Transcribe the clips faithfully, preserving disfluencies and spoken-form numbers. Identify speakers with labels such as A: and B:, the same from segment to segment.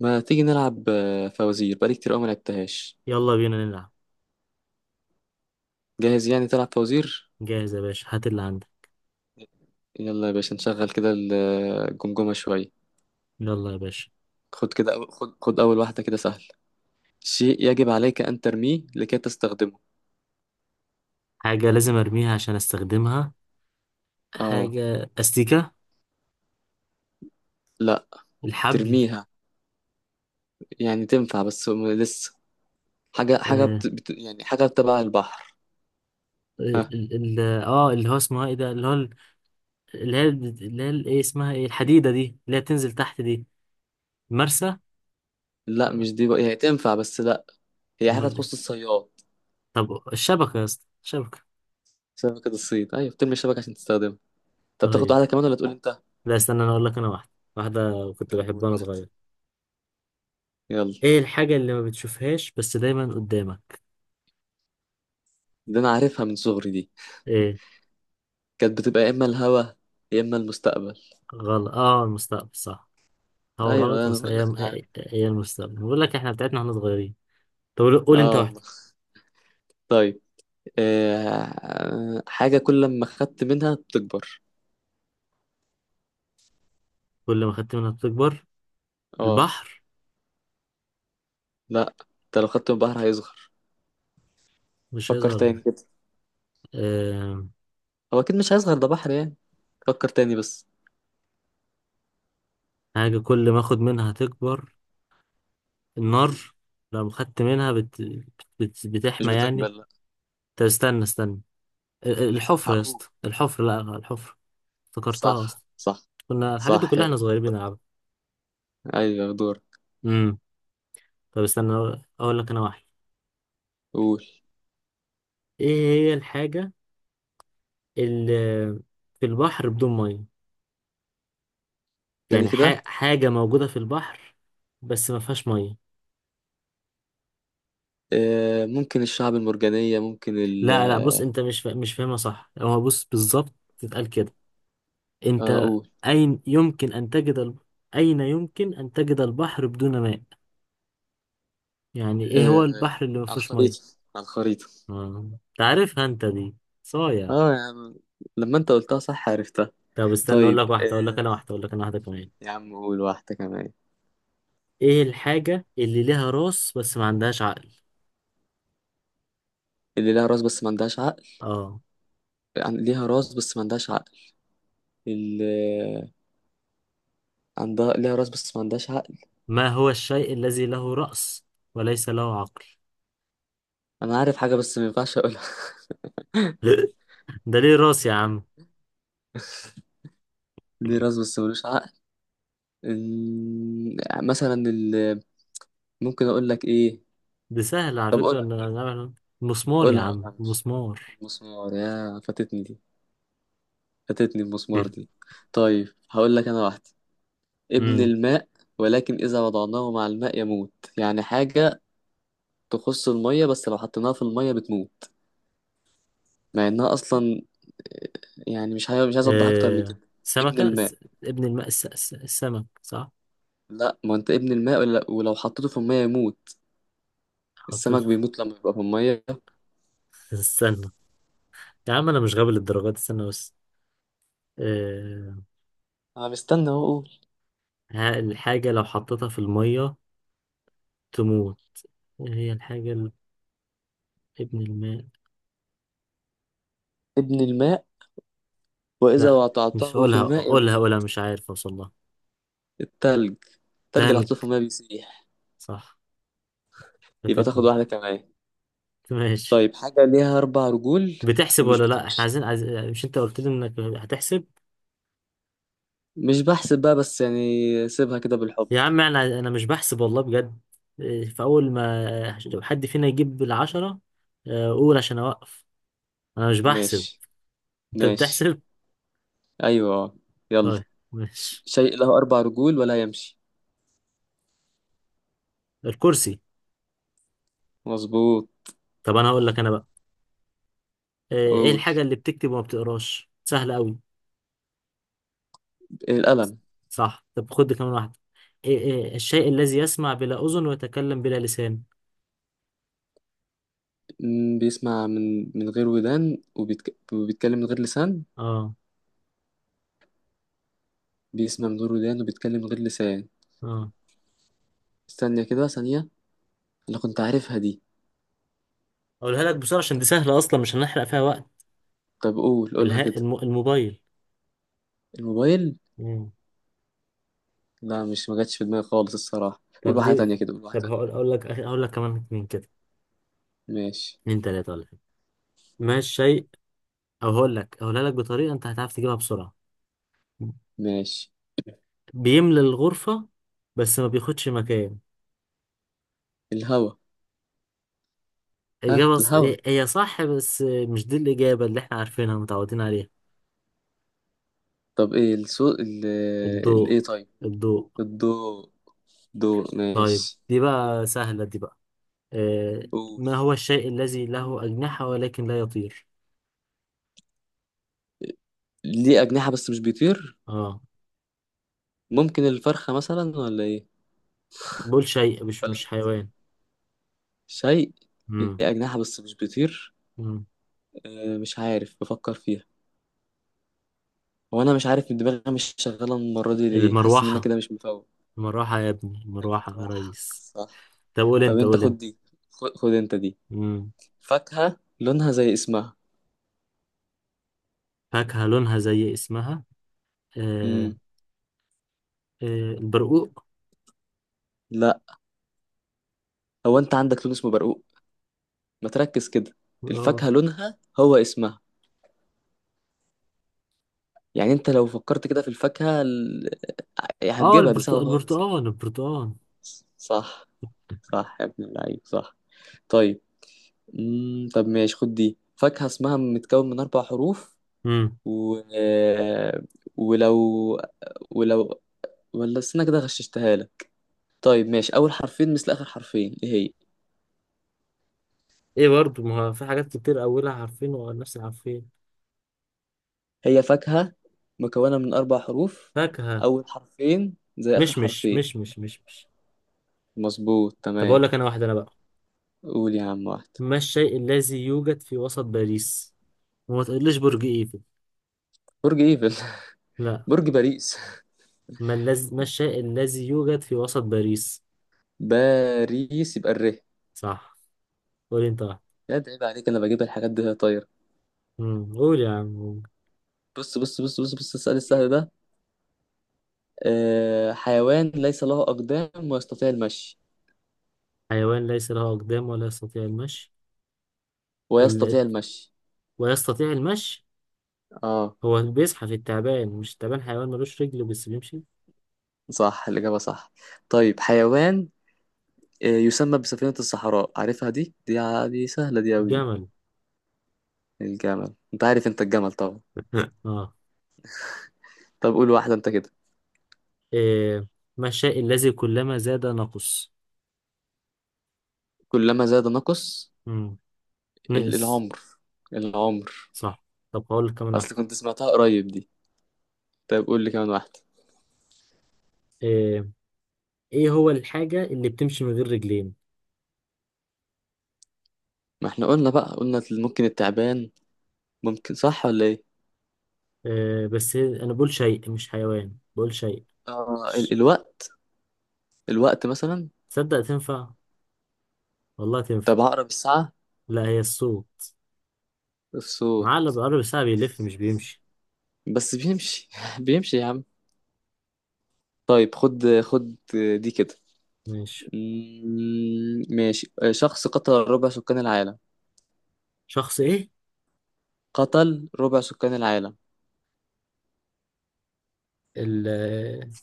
A: ما تيجي نلعب آه، فوازير، بقالي كتير قوي ما لعبتهاش.
B: يلا بينا نلعب.
A: جاهز يعني تلعب فوازير؟
B: جاهز يا باشا، هات اللي عندك.
A: يلا يا باشا نشغل كده الجمجمة شوية.
B: يلا يا باشا.
A: خد كده أو- خد خد أول واحدة كده سهل. شيء يجب عليك أن ترميه لكي تستخدمه.
B: حاجة لازم ارميها عشان استخدمها.
A: اه.
B: حاجة، استيكة.
A: لا.
B: الحبل.
A: ترميها. يعني تنفع بس م- لسه. حاجة حاجة
B: اه.
A: بت... بت... يعني حاجة تبع البحر. ها.
B: ال- ال- ال- آه، اللي هو اسمها ايه ده، اللي هو ال- اللي هي اللي هي ال- ايه اسمها، ايه الحديدة دي اللي هي بتنزل تحت دي؟ مرسى.
A: لا
B: آه.
A: مش دي بقى، يعني تنفع بس لا. هي حاجة
B: امال إيه؟
A: تخص الصياد.
B: طب الشبكة يا اسطى، الشبكة.
A: شبكة الصيد، أيوة بترمي الشبكة عشان تستخدمها. طب تاخد
B: طيب.
A: واحدة كمان ولا تقول أنت؟
B: لا استنى، انا اقول لك، انا واحدة. واحدة كنت
A: طب
B: بحبها
A: قول
B: وانا
A: واحدة.
B: صغير.
A: يلا.
B: ايه الحاجة اللي ما بتشوفهاش بس دايما قدامك؟
A: دي انا عارفها من صغري دي.
B: ايه؟
A: كانت بتبقى يا اما الهوا، يا اما المستقبل.
B: غلط، اه، المستقبل صح. هو
A: ايوه
B: غلط
A: انا
B: بس
A: بقول لك
B: هي،
A: انا عارف.
B: هي المستقبل، بقول لك احنا بتاعتنا احنا صغيرين. طب قول، قول انت
A: اه والله.
B: واحدة.
A: طيب. آه حاجه كل ما خدت منها بتكبر.
B: كل ما خدت منها بتكبر.
A: اه.
B: البحر.
A: لا. انت لو خدت من البحر هيصغر.
B: مش
A: فكر
B: هيظهر
A: تاني
B: لك.
A: كده.
B: أه...
A: هو اكيد مش هيصغر، ده بحر يعني. فكر تاني بس.
B: حاجة كل ما اخد منها هتكبر. النار. لو خدت منها بت... بت...
A: مش
B: بتحمى
A: بتكبر
B: يعني.
A: لا.
B: طب استنى استنى، ال- ال- الحفرة يا
A: هقول.
B: اسطى، الحفرة، لا الحفرة. افتكرتها اصلا.
A: صح صح.
B: كنا الحاجات دي
A: صح
B: كلها
A: يلا.
B: احنا صغيرين بنلعبها.
A: ايوه دور.
B: امم طب استنى، اقول لك انا واحد.
A: قول.
B: ايه هي الحاجة اللي في البحر بدون مية؟
A: تاني
B: يعني ح-
A: كده.
B: حاجة موجودة في البحر بس ما فيهاش مية.
A: آه ممكن الشعب المرجانيه، ممكن ال
B: لا لا، بص
A: آه،
B: انت مش فا... مش فاهمها صح، هو بص بالظبط تتقال كده.
A: آه،
B: انت،
A: قول.
B: اين يمكن ان تجد ال... اين يمكن ان تجد البحر بدون ماء؟ يعني ايه هو
A: آه.
B: البحر اللي ما
A: على
B: فيهوش
A: الخريطة.
B: مية؟
A: على الخريطة.
B: آه. تعرفها انت دي، صايع.
A: اه يا عم، لما انت قلتها صح عرفتها.
B: طب استنى، اقول لك
A: طيب
B: واحدة اقول لك
A: آه
B: انا واحدة اقول لك انا واحدة كمان.
A: يا عم قول واحدة كمان.
B: ايه الحاجة اللي لها راس بس ما عندهاش عقل؟
A: اللي لها راس بس ما عندهاش عقل.
B: اه.
A: عن- ليها راس بس ما عندهاش عقل. اللي عندها ليها راس بس ما عندهاش عقل.
B: ما هو الشيء الذي له رأس وليس له عقل؟
A: انا عارف حاجة بس ما ينفعش اقولها.
B: ده ليه راس يا عم.
A: ليه راس بس ملوش عقل. إن- مثلا ال... ممكن اقول لك ايه.
B: دي سهلة على
A: طب
B: فكرة،
A: قولها
B: إن أنا
A: قولها،
B: نعمل مسمار يا
A: قولها قولها
B: عم،
A: مش.
B: مسمار.
A: المسمار، يا فاتتني دي. فاتتني المسمار
B: مم.
A: دي. طيب هقول لك انا واحدة. ابن
B: امم
A: الماء ولكن إذا وضعناه مع الماء يموت. يعني حاجة تخص المية بس لو حطيناها في المية بتموت، مع إنها أصلا، يعني مش عايز مش عايز أوضح أكتر من
B: آه
A: كده. ابن
B: سمكة
A: الماء.
B: س- ابن الماء، الس... الس- السمك صح.
A: لا، ما أنت ابن الماء، ولا- ولو حطيته في المية يموت. السمك
B: حطيته
A: بيموت لما يبقى في المية.
B: في- استنى. يا عم أنا مش غبي للدرجة دي، استنى بس. آه.
A: أنا مستنى أهو أقول.
B: ها- الحاجة لو حطيتها في المية تموت. إيه هي الحاجة ال- ابن الماء؟
A: ابن الماء وإذا
B: لا. مش
A: وضعته في
B: قولها
A: الماء
B: قولها
A: يموت.
B: قولها، مش عارف أوصل لها.
A: التلج. التلج اللي
B: تلج.
A: حطيته في المية بيسيح.
B: صح.
A: يبقى تاخد
B: فاتتني.
A: واحدة كمان.
B: ماشي.
A: طيب، حاجة ليها أربع رجول
B: بتحسب
A: ومش
B: ولا لا؟ احنا
A: بتمشي.
B: عايزين عايز... مش انت قلت لي انك هتحسب؟
A: مش بحسب بقى، بس يعني سيبها كده بالحب.
B: يا عم انا انا مش بحسب والله، بجد. إيه، فاول ما لو حد فينا يجيب العشرة، آه، قول عشان اوقف. انا مش بحسب،
A: ماشي.
B: انت
A: ماشي.
B: بتحسب.
A: أيوة آه. يلا.
B: طيب.
A: ش-
B: ماشي.
A: شيء له أربع رجول ولا يمشي.
B: الكرسي.
A: مظبوط.
B: طب انا هقول لك انا بقى. آه، ايه
A: أول،
B: الحاجة اللي بتكتب وما بتقراش؟ سهلة قوي.
A: القلم.
B: صح، طب خد كمان واحدة. إيه إيه الشيء الذي يسمع بلا اذن ويتكلم بلا لسان.
A: م، بيسمع من من غير ودان وبيتك... وبيتكلم من غير لسان.
B: اه.
A: بيسمع من غير ودان وبيتكلم من غير لسان.
B: اه.
A: استنى كده ثانية، أنا كنت عارفها دي.
B: اقولها لك بسرعة عشان دي سهلة اصلا، مش هنحرق فيها وقت.
A: طب قول، قولها
B: الها
A: كده.
B: الم... الموبايل.
A: الموبايل.
B: مم.
A: لا، مش ما جاتش في دماغي خالص الصراحة، قول
B: طب
A: واحدة تانية
B: دي.
A: كده، قول واحدة
B: طب
A: تانية.
B: هقول اقول لك اقول لك كمان اتنين كده،
A: ماشي.
B: اتنين تلاتة ولا حاجة. ما الشيء أو هقول لك هقولها لك بطريقة أنت هتعرف تجيبها بسرعة.
A: ماشي.
B: بيملى الغرفة بس ما بياخدش مكان.
A: الهوا. ها
B: إجابة ص...
A: الهوا.
B: هي صح بس مش دي الإجابة اللي إحنا عارفينها متعودين عليها.
A: طب ايه الصوت ال...
B: الضوء.
A: الايه؟ طيب.
B: الضوء.
A: الضوء. دور
B: طيب
A: ماشي.
B: دي بقى سهلة دي بقى. آه...
A: قول.
B: ما هو الشيء الذي له أجنحة ولكن لا يطير؟
A: ليه أجنحة بس مش بيطير.
B: آه.
A: ممكن الفرخة مثلا ولا إيه؟
B: بقول شيء مش
A: ولا
B: مش
A: الفرخة؟
B: حيوان.
A: شيء ليه
B: مم.
A: أجنحة بس مش بيطير.
B: مم.
A: آه مش عارف، بفكر فيها. هو أنا مش عارف إن دماغي مش شغالة المرة دي ليه، حاسس إن أنا
B: المروحة.
A: كده مش مفوق.
B: المروحة يا ابني، المروحة يا
A: الراحة
B: ريس.
A: صح.
B: طب قول
A: طب
B: أنت،
A: أنت
B: قول.
A: خد دي. خد, خد أنت دي.
B: أنت.
A: فاكهة لونها زي اسمها.
B: فاكهة لونها زي اسمها. آه.
A: مم.
B: آه. البرقوق.
A: لا. هو أنت عندك لون اسمه برقوق؟ ما تركز كده.
B: اه.
A: الفاكهة لونها هو اسمها، يعني أنت لو فكرت كده في الفاكهة، إيه
B: آه،
A: هتجيبها، دي
B: البرتق-
A: سهلة خالص يعني.
B: البرتقال، البرتقال.
A: صح. صح يا ابن اللعيب صح. طيب. مم. طب ماشي خد دي، فاكهة اسمها متكون من أربع حروف
B: امم
A: و... آه، ولو ولو ولا استنى كده، غششتها لك. طيب ماشي، أول حرفين مثل آخر حرفين، إيه هي؟
B: ايه، برضو ما هو في حاجات كتير اولها عارفين والناس عارفين.
A: هي فاكهة مكونة من أربع حروف،
B: فاكهة.
A: أول حرفين زي آخر
B: مش، مش،
A: حرفين.
B: مش، مش، مش، مش.
A: مظبوط
B: طب
A: تمام.
B: اقول لك انا واحدة انا بقى.
A: قول يا عم واحد.
B: ما الشيء الذي يوجد في وسط باريس؟ وما تقوليش برج ايفل.
A: برج ايفل.
B: لا.
A: برج باريس.
B: ما, اللز... ما الشيء الذي يوجد في وسط باريس.
A: باريس، يبقى الر.
B: صح. قولي انت واحد.
A: يا ده عيب عليك، انا بجيب الحاجات دي وهي طايره.
B: امم قول يا عم.
A: بص بص بص بص بص، السؤال السهل ده. آه حيوان ليس له اقدام ويستطيع المشي.
B: حيوان ليس له اقدام ولا يستطيع المشي.
A: ويستطيع
B: ال...
A: المشي.
B: ويستطيع المشي.
A: اه.
B: هو بيزحف التعبان، مش التعبان حيوان ملوش رجل بس بيمشي.
A: صح الاجابه صح. طيب حيوان آه يسمى بسفينه الصحراء، عارفها دي، دي ع- دي سهله دي قوي دي.
B: جمل.
A: الجمل، انت عارف انت الجمل طبعا.
B: اه.
A: طب قول واحده انت كده.
B: إيه، ما الشيء الذي كلما زاد نقص؟
A: كلما زاد نقص.
B: مم.
A: ال-
B: نقص.
A: العمر. العمر.
B: صح. طب هقول لك كمان
A: اصل
B: واحدة.
A: كنت سمعتها قريب دي. طيب قول لي كمان واحده.
B: إيه، ايه هو الحاجة اللي بتمشي من غير رجلين؟
A: ما احنا قلنا بقى، قلنا ممكن التعبان. ممكن صح ولا ايه؟
B: إيه بس هي- انا بقول شيء مش حيوان، بقول شيء.
A: آه ال-
B: ش-
A: الوقت. الوقت مثلا.
B: تصدق تنفع؟ والله تنفع.
A: طب هقرب الساعة.
B: لا هي الصوت. عقل
A: الصوت.
B: بقرب الساعة بيلف مش بيمشي.
A: بس بيمشي بيمشي يا عم. طيب خد خد، دي كده.
B: ماشي.
A: مم، ماشي، شخص قتل ربع سكان العالم.
B: شخص
A: قتل ربع سكان العالم.
B: ايه؟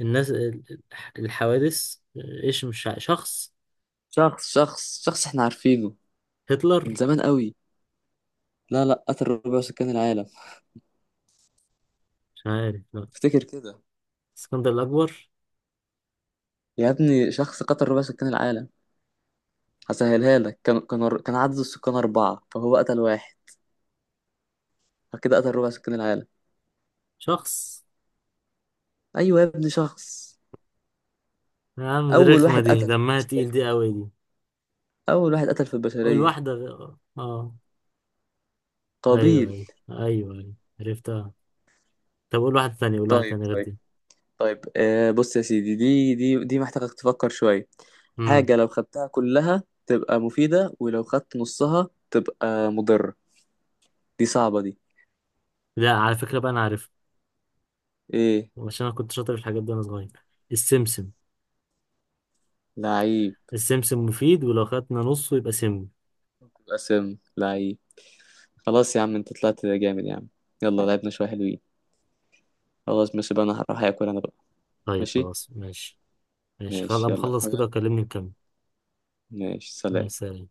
B: الناس ال- الحوادث. ايش مش ع- شخص.
A: شخص شخص شخص احنا عارفينه
B: هتلر.
A: من زمان قوي. لا لا قتل ربع سكان العالم.
B: مش عارف لا.
A: افتكر كده.
B: اسكندر الأكبر.
A: يا ابني شخص قتل ربع سكان العالم. هسهلها لك، كان كان كان عدد السكان أربعة فهو قتل واحد، فكده قتل ربع سكان العالم.
B: شخص.
A: أيوة يا ابني شخص.
B: يا عم دي
A: أول
B: رخمة،
A: واحد
B: دي
A: قتل في
B: دمها تقيل
A: البشرية.
B: دي، قوي دي.
A: أول واحد قتل في
B: قول
A: البشرية.
B: واحدة. غ- اه آه، ايوه،
A: قابيل.
B: ايوه، ايوه، ايوه. عرفتها. طب قول واحدة تانية، قول واحدة
A: طيب
B: تانية غير
A: طيب
B: دي.
A: طيب. آه بص يا سيدي، دي دي دي محتاجك تفكر شوية.
B: امم
A: حاجة لو خدتها كلها تبقى مفيدة ولو خدت نصها تبقى مضرة. دي صعبة دي.
B: لا على فكرة بقى، انا عارفها.
A: إيه.
B: عشان انا كنت شاطر في الحاجات دي وانا صغير. السمسم.
A: لعيب.
B: السمسم مفيد، ولو خدنا نصه يبقى سم.
A: قسم لعيب. خلاص يا عم، أنت طلعت جامد يا عم. يلا لعبنا شوية حلوين. خلاص ماشي بقى، أنا هروح أكل أنا بقى.
B: طيب
A: ماشي.
B: خلاص، ماشي. ماشي خلاص،
A: ماشي
B: أبقى
A: يلا
B: اخلص كده
A: حاجة.
B: وكلمني نكمل.
A: ماشي
B: مع
A: سلام.
B: السلامة.